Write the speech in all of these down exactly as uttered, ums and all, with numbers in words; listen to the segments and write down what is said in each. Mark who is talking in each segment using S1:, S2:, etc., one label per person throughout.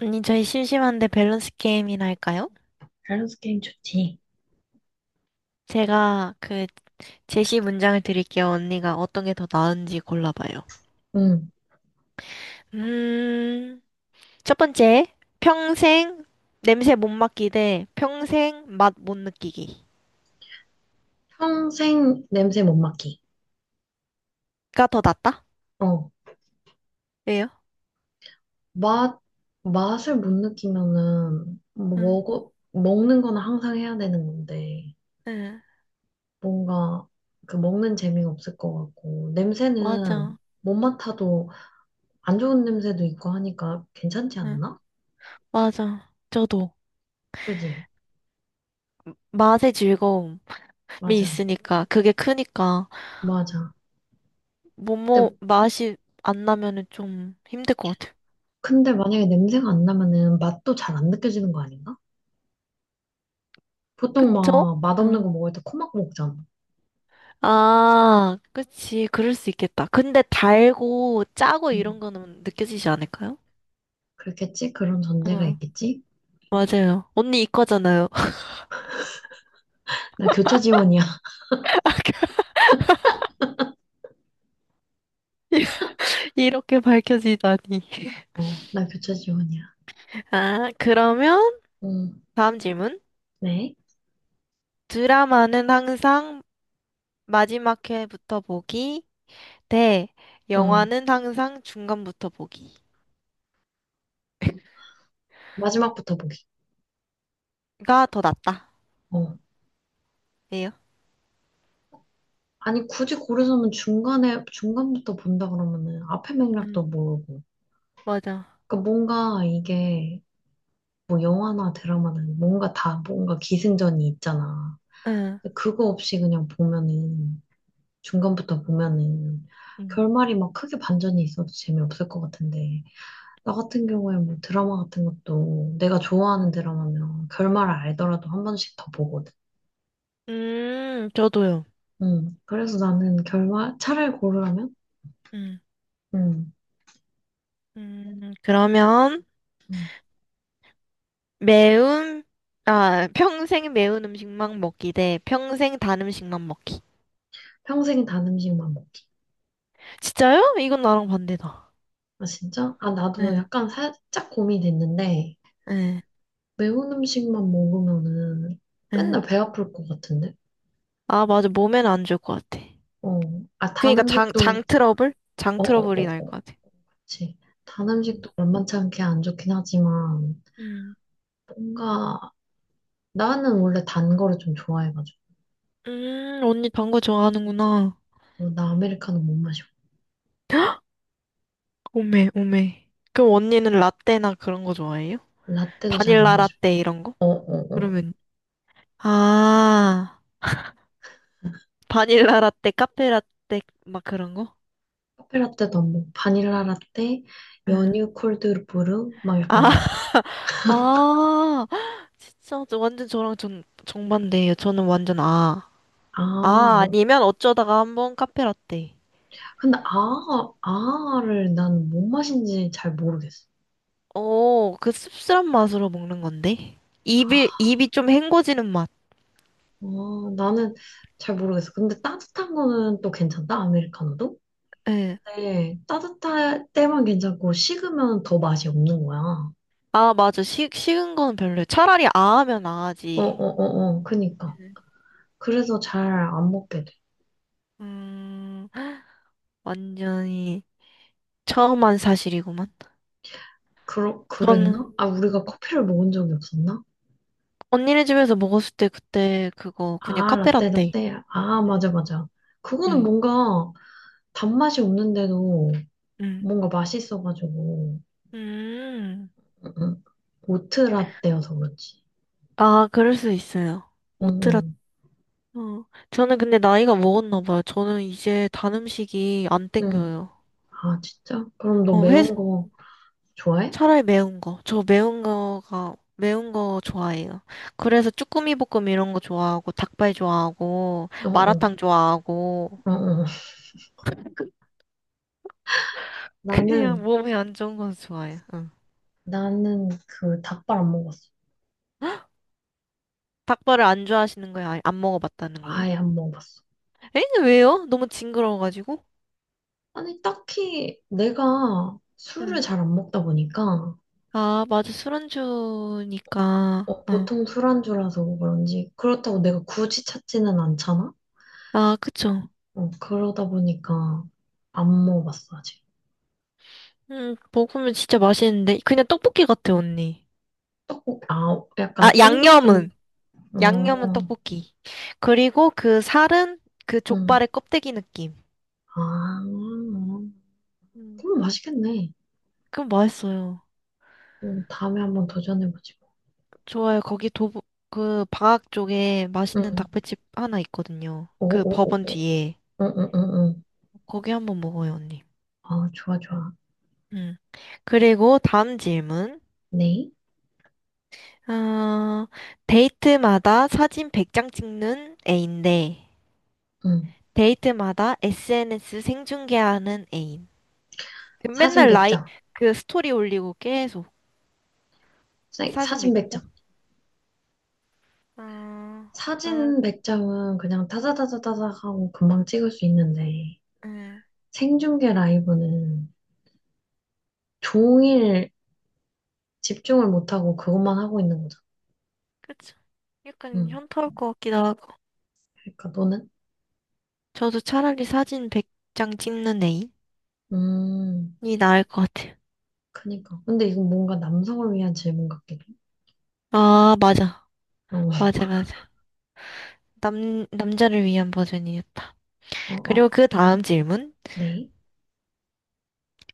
S1: 언니, 저희 심심한데 밸런스 게임이나 할까요?
S2: 밸런스 게임 좋지.
S1: 제가 그 제시 문장을 드릴게요. 언니가 어떤 게 더 나은지 골라봐요.
S2: 응.
S1: 음, 첫 번째, 평생 냄새 못 맡기 대 평생 맛 못 느끼기가
S2: 평생 냄새 못 맡기.
S1: 더 낫다?
S2: 어.
S1: 왜요?
S2: 맛, 맛을 못 느끼면은,
S1: 응,
S2: 먹어, 먹는 거는 항상 해야 되는 건데,
S1: 응,
S2: 뭔가, 그 먹는 재미가 없을 것 같고, 냄새는
S1: 맞아.
S2: 못 맡아도 안 좋은 냄새도 있고 하니까 괜찮지
S1: 응,
S2: 않나?
S1: 맞아. 저도.
S2: 그지?
S1: 맛의 즐거움이
S2: 맞아.
S1: 있으니까, 그게 크니까,
S2: 맞아.
S1: 뭐뭐
S2: 근데,
S1: 맛이 안 나면은 좀 힘들 것 같아요.
S2: 근데 만약에 냄새가 안 나면은 맛도 잘 안 느껴지는 거 아닌가? 보통
S1: 그쵸?
S2: 막 맛없는
S1: 응.
S2: 거 먹을 때 코 막고 먹잖아.
S1: 아, 그치. 그럴 수 있겠다. 근데 달고 짜고 이런 거는 느껴지지 않을까요?
S2: 그렇겠지? 그런 전제가
S1: 응,
S2: 있겠지?
S1: 맞아요. 언니 이과잖아요.
S2: 나 교차 지원이야.
S1: 이렇게 밝혀지다니.
S2: 어, 나 교차 지원이야.
S1: 아, 그러면
S2: 응,
S1: 다음 질문.
S2: 네.
S1: 드라마는 항상 마지막 회부터 보기 대
S2: 응,
S1: 영화는 항상 중간부터 보기가
S2: 마지막부터 보기.
S1: 더 낫다.
S2: 어.
S1: 예요?
S2: 아니, 굳이 고르자면 중간에, 중간부터 본다 그러면은 앞에 맥락도
S1: 응,
S2: 모르고.
S1: 맞아.
S2: 그러니까 뭔가 이게 뭐 영화나 드라마는 뭔가 다 뭔가 기승전이 있잖아.
S1: 응.
S2: 근데 그거 없이 그냥 보면은, 중간부터 보면은
S1: 음.
S2: 결말이 막 크게 반전이 있어도 재미없을 것 같은데. 나 같은 경우에 뭐 드라마 같은 것도 내가 좋아하는 드라마면 결말을 알더라도 한 번씩 더 보거든.
S1: 음, 저도요.
S2: 음. 그래서 나는 결말, 차라리 고르라면?
S1: 음.
S2: 음.
S1: 음, 그러면
S2: 음.
S1: 매운, 아, 평생 매운 음식만 먹기 대 평생 단 음식만 먹기.
S2: 평생 단 음식만 먹기.
S1: 진짜요? 이건 나랑 반대다.
S2: 아, 진짜? 아, 나도
S1: 응,
S2: 약간 살짝 고민됐는데,
S1: 응,
S2: 매운 음식만 먹으면은
S1: 응.
S2: 맨날 배 아플 것 같은데?
S1: 아, 맞아. 몸에는 안 좋을 것 같아.
S2: 어. 아, 단
S1: 그니까 장, 장
S2: 음식도,
S1: 트러블? 장
S2: 어, 어,
S1: 트러블이
S2: 어,
S1: 날
S2: 어.
S1: 것 같아.
S2: 그치. 단
S1: 응.
S2: 음식도 만만치 않게 안 좋긴 하지만,
S1: 음,
S2: 뭔가, 나는 원래 단 거를 좀 좋아해가지고.
S1: 음, 언니 단 거 좋아하는구나.
S2: 어, 나 아메리카노 못 마셔.
S1: 오메, 오메. 그럼 언니는 라떼나 그런 거 좋아해요?
S2: 라떼도 잘 안
S1: 바닐라
S2: 마셔.
S1: 라떼 이런 거?
S2: 어, 어, 어.
S1: 그러면, 아, 바닐라 라떼, 카페 라떼, 막 그런 거?
S2: 커피 라떼도 안 먹고 바닐라 라떼,
S1: 응.
S2: 연유 콜드브루 막 약간 이
S1: 아, 아, 진짜 저- 완전 저랑 전 정반대예요. 저는 완전 아.
S2: 아,
S1: 아,
S2: 뭐.
S1: 아니면 어쩌다가 한번 카페라떼.
S2: 근데 아, 아를 나는 뭔 맛인지 잘 모르겠어.
S1: 오, 그 씁쓸한 맛으로 먹는 건데. 입이,
S2: 아,
S1: 입이 좀 헹궈지는 맛.
S2: 어, 나는 잘 모르겠어. 근데 따뜻한 거는 또 괜찮다, 아메리카노도?
S1: 예.
S2: 근데 따뜻할 때만 괜찮고 식으면 더 맛이 없는 거야. 어,
S1: 아, 맞아. 식, 식은 건 별로예요. 차라리 아 하면
S2: 어,
S1: 아지.
S2: 어, 어. 그니까. 그래서 잘 안 먹게 돼.
S1: 음, 완전히 처음한 사실이구만.
S2: 그러,
S1: 저는
S2: 그랬나? 아, 우리가 커피를 먹은 적이 없었나?
S1: 언니네 집에서 먹었을 때 그때 그거 그냥
S2: 아, 라떼,
S1: 카페라떼.
S2: 라떼. 아, 맞아, 맞아. 그거는
S1: 응
S2: 뭔가 단맛이 없는데도
S1: 음.
S2: 뭔가 맛있어가지고.
S1: 음.
S2: 응, 응. 오트 라떼여서 그렇지.
S1: 아, 그럴 수 있어요.
S2: 응,
S1: 오트라,
S2: 응,
S1: 어. 저는 근데 나이가 먹었나 봐요. 저는 이제 단 음식이 안
S2: 응.
S1: 땡겨요.
S2: 아, 진짜? 그럼 너
S1: 어, 회,
S2: 매운 거 좋아해?
S1: 차라리 매운 거. 저 매운 거가, 매운 거 좋아해요. 그래서 쭈꾸미 볶음 이런 거 좋아하고, 닭발 좋아하고,
S2: 어, 어,
S1: 마라탕 좋아하고,
S2: 어, 어. 어.
S1: 그냥
S2: 나는,
S1: 몸에 안 좋은 건 좋아해요. 응.
S2: 나는 그 닭발 안 먹었어.
S1: 닭발을 안 좋아하시는 거예요? 아니, 안 먹어봤다는 거예요?
S2: 아예 안 먹어봤어.
S1: 에? 왜요? 너무 징그러워가지고?
S2: 아니, 딱히 내가 술을
S1: 응.
S2: 잘 안 먹다 보니까,
S1: 아, 맞아. 술 안주니까.
S2: 어,
S1: 응.
S2: 보통 술안주라서 그런지, 그렇다고 내가 굳이 찾지는 않잖아?
S1: 아, 그쵸.
S2: 어, 그러다 보니까 안 먹어봤어, 아직.
S1: 음, 먹으면 진짜 맛있는데. 그냥 떡볶이 같아, 언니.
S2: 떡국, 아,
S1: 아,
S2: 약간 쫀득쫀득,
S1: 양념은. 양념은
S2: 어,
S1: 떡볶이. 그리고 그 살은 그
S2: 응.
S1: 족발의 껍데기 느낌.
S2: 아,
S1: 음,
S2: 그럼 맛있겠네.
S1: 그럼 맛있어요.
S2: 응, 다음에 한번 도전해보지 뭐.
S1: 좋아요. 거기 도보, 그 방학 쪽에 맛있는
S2: 응.
S1: 닭발집 하나 있거든요.
S2: 오,
S1: 그
S2: 오, 오,
S1: 법원
S2: 오.
S1: 뒤에.
S2: 응, 응, 응, 응.
S1: 거기 한번 먹어요, 언니.
S2: 아, 좋아, 좋아.
S1: 음. 그리고 다음 질문.
S2: 네.
S1: 어, 데이트마다 사진 백 장 찍는 애인데,
S2: 응.
S1: 데이트마다 에스엔에스 생중계하는 애인.
S2: 사진
S1: 맨날 라이,
S2: 백 장.
S1: 그 스토리 올리고 계속 사진
S2: 사진 백 장.
S1: 맺고. 아, 나,
S2: 사진 백 장은 그냥 타자타자타자 하고 금방 찍을 수 있는데,
S1: 예,
S2: 생중계 라이브는 종일 집중을 못하고 그것만 하고 있는 거잖아.
S1: 그쵸. 약간
S2: 응.
S1: 현타 올 것 같기도 하고.
S2: 그러니까 너는?
S1: 저도 차라리 사진 백 장 찍는 애인이
S2: 음,
S1: 나을 것 같아요.
S2: 그니까. 근데 이건 뭔가 남성을 위한 질문 같기도.
S1: 아, 맞아.
S2: 어,
S1: 맞아, 맞아. 남, 남자를 위한 버전이었다.
S2: 어, 어, 어.
S1: 그리고 그 다음 질문.
S2: 네.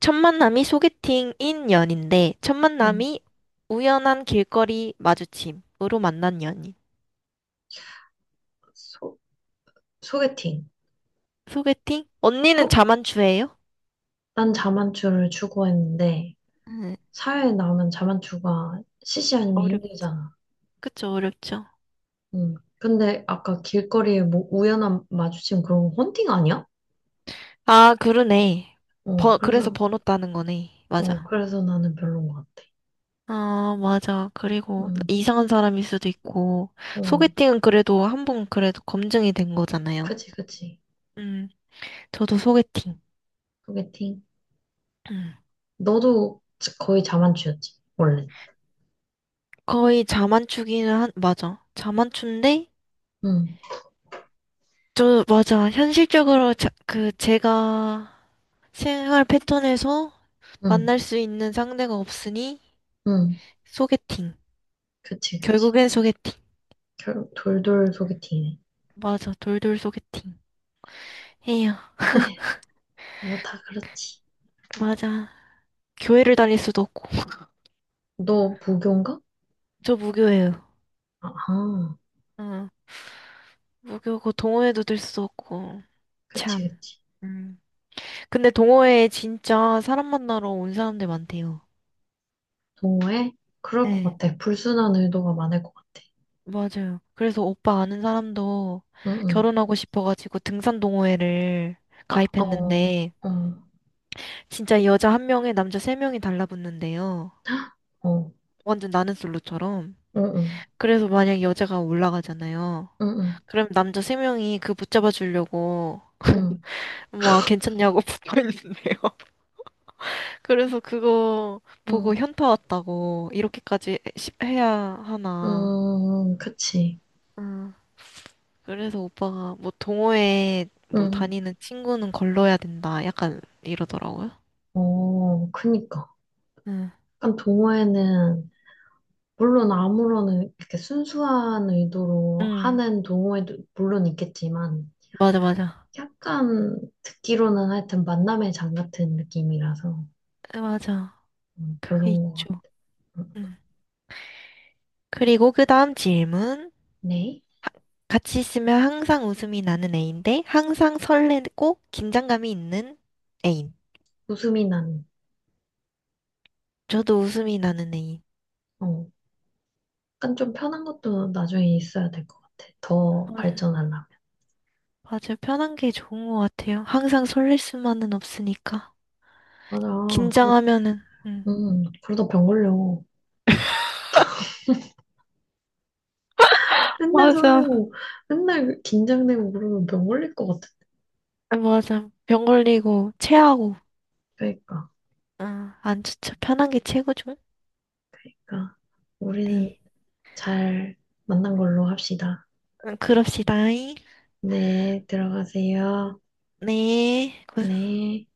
S1: 첫 만남이 소개팅인 연인데, 첫
S2: 음,
S1: 만남이 우연한 길거리 마주침으로 만난 연인.
S2: 소, 소개팅.
S1: 소개팅? 언니는
S2: 소,
S1: 자만추예요?
S2: 난 자만추를 추구했는데,
S1: 네.
S2: 사회에 나오면 자만추가 시시 아니면
S1: 어렵.
S2: 힘들잖아.
S1: 그쵸, 어렵죠.
S2: 음, 근데 아까 길거리에 뭐 우연한 마주침 그런 거 헌팅 아니야?
S1: 아, 그러네.
S2: 어,
S1: 버, 그래서
S2: 그래서,
S1: 번호 따는 거네. 맞아.
S2: 어, 그래서 나는 별론 것 같아.
S1: 아, 맞아. 그리고
S2: 음,
S1: 이상한 사람일 수도 있고,
S2: 어,
S1: 소개팅은 그래도 한 번 그래도 검증이 된 거잖아요.
S2: 그치, 그치.
S1: 음, 저도 소개팅.
S2: 소개팅.
S1: 음.
S2: 너도 거의 자만추였지, 원래.
S1: 거의 자만추기는 한, 맞아. 자만추인데,
S2: 응,
S1: 저, 맞아. 현실적으로 자, 그, 제가 생활 패턴에서
S2: 응,
S1: 만날 수 있는 상대가 없으니,
S2: 응.
S1: 소개팅.
S2: 그치, 그치.
S1: 결국엔 소개팅.
S2: 결국 돌돌 소개팅이네.
S1: 맞아. 돌돌 소개팅. 에휴,
S2: 에휴, 뭐 다 그렇지.
S1: 맞아. 교회를 다닐 수도 없고.
S2: 너 무교인가?
S1: 저 무교예요.
S2: 아하,
S1: 응 무교고 동호회도 들 수도 없고.
S2: 그치,
S1: 참.
S2: 그치.
S1: 음. 근데 동호회에 진짜 사람 만나러 온 사람들 많대요.
S2: 동호회? 그럴 것
S1: 네,
S2: 같아. 불순한 의도가 많을 것 같아.
S1: 맞아요. 그래서 오빠 아는 사람도
S2: 응, 응.
S1: 결혼하고 싶어가지고 등산 동호회를
S2: 아, 어,
S1: 가입했는데,
S2: 어,
S1: 진짜 여자 한 명에 남자 세 명이 달라붙는데요.
S2: 어, 어,
S1: 완전 나는 솔로처럼.
S2: 응, 응,
S1: 그래서 만약 여자가 올라가잖아요.
S2: 응, 응,
S1: 그럼 남자 세 명이 그 붙잡아 주려고
S2: 응,
S1: 막 괜찮냐고 붙어 있는데요. 그래서 그거 보고
S2: 응,
S1: 현타 왔다고 이렇게까지 시- 해야
S2: 응,
S1: 하나.
S2: 응, 그치.
S1: 응. 그래서 오빠가 뭐 동호회 뭐
S2: 응,
S1: 다니는 친구는 걸러야 된다. 약간 이러더라고요.
S2: 어, 그니까.
S1: 응.
S2: 약간 동호회는, 물론 아무런, 이렇게 순수한 의도로
S1: 응.
S2: 하는 동호회도 물론 있겠지만,
S1: 맞아, 맞아.
S2: 약간 듣기로는 하여튼 만남의 장 같은 느낌이라서
S1: 에, 맞아.
S2: 음, 별
S1: 그게
S2: 인것
S1: 있죠.
S2: 같아.
S1: 응. 그리고 그 다음 질문.
S2: 네?
S1: 같이 있으면 항상 웃음이 나는 애인데 항상 설레고 긴장감이 있는 애인.
S2: 웃음이 나는.
S1: 저도 웃음이 나는 애인.
S2: 어, 약간 좀 편한 것도 나중에 있어야 될 것 같아. 더 발전하려면.
S1: 맞아요. 편한 게 좋은 것 같아요. 항상 설렐 수만은 없으니까.
S2: 맞아. 그러,
S1: 긴장하면은, 음,
S2: 음, 그러다 병 걸려. 맨날
S1: 맞아.
S2: 설레고, 맨날 긴장되고 그러면 병 걸릴 것 같아.
S1: 아, 맞아. 병 걸리고, 체하고.
S2: 그러니까.
S1: 아, 안 좋죠. 편한 게 최고죠.
S2: 그러니까 우리는
S1: 네.
S2: 잘 만난 걸로 합시다.
S1: 음, 그럽시다.
S2: 네, 들어가세요.
S1: 네. 고
S2: 네.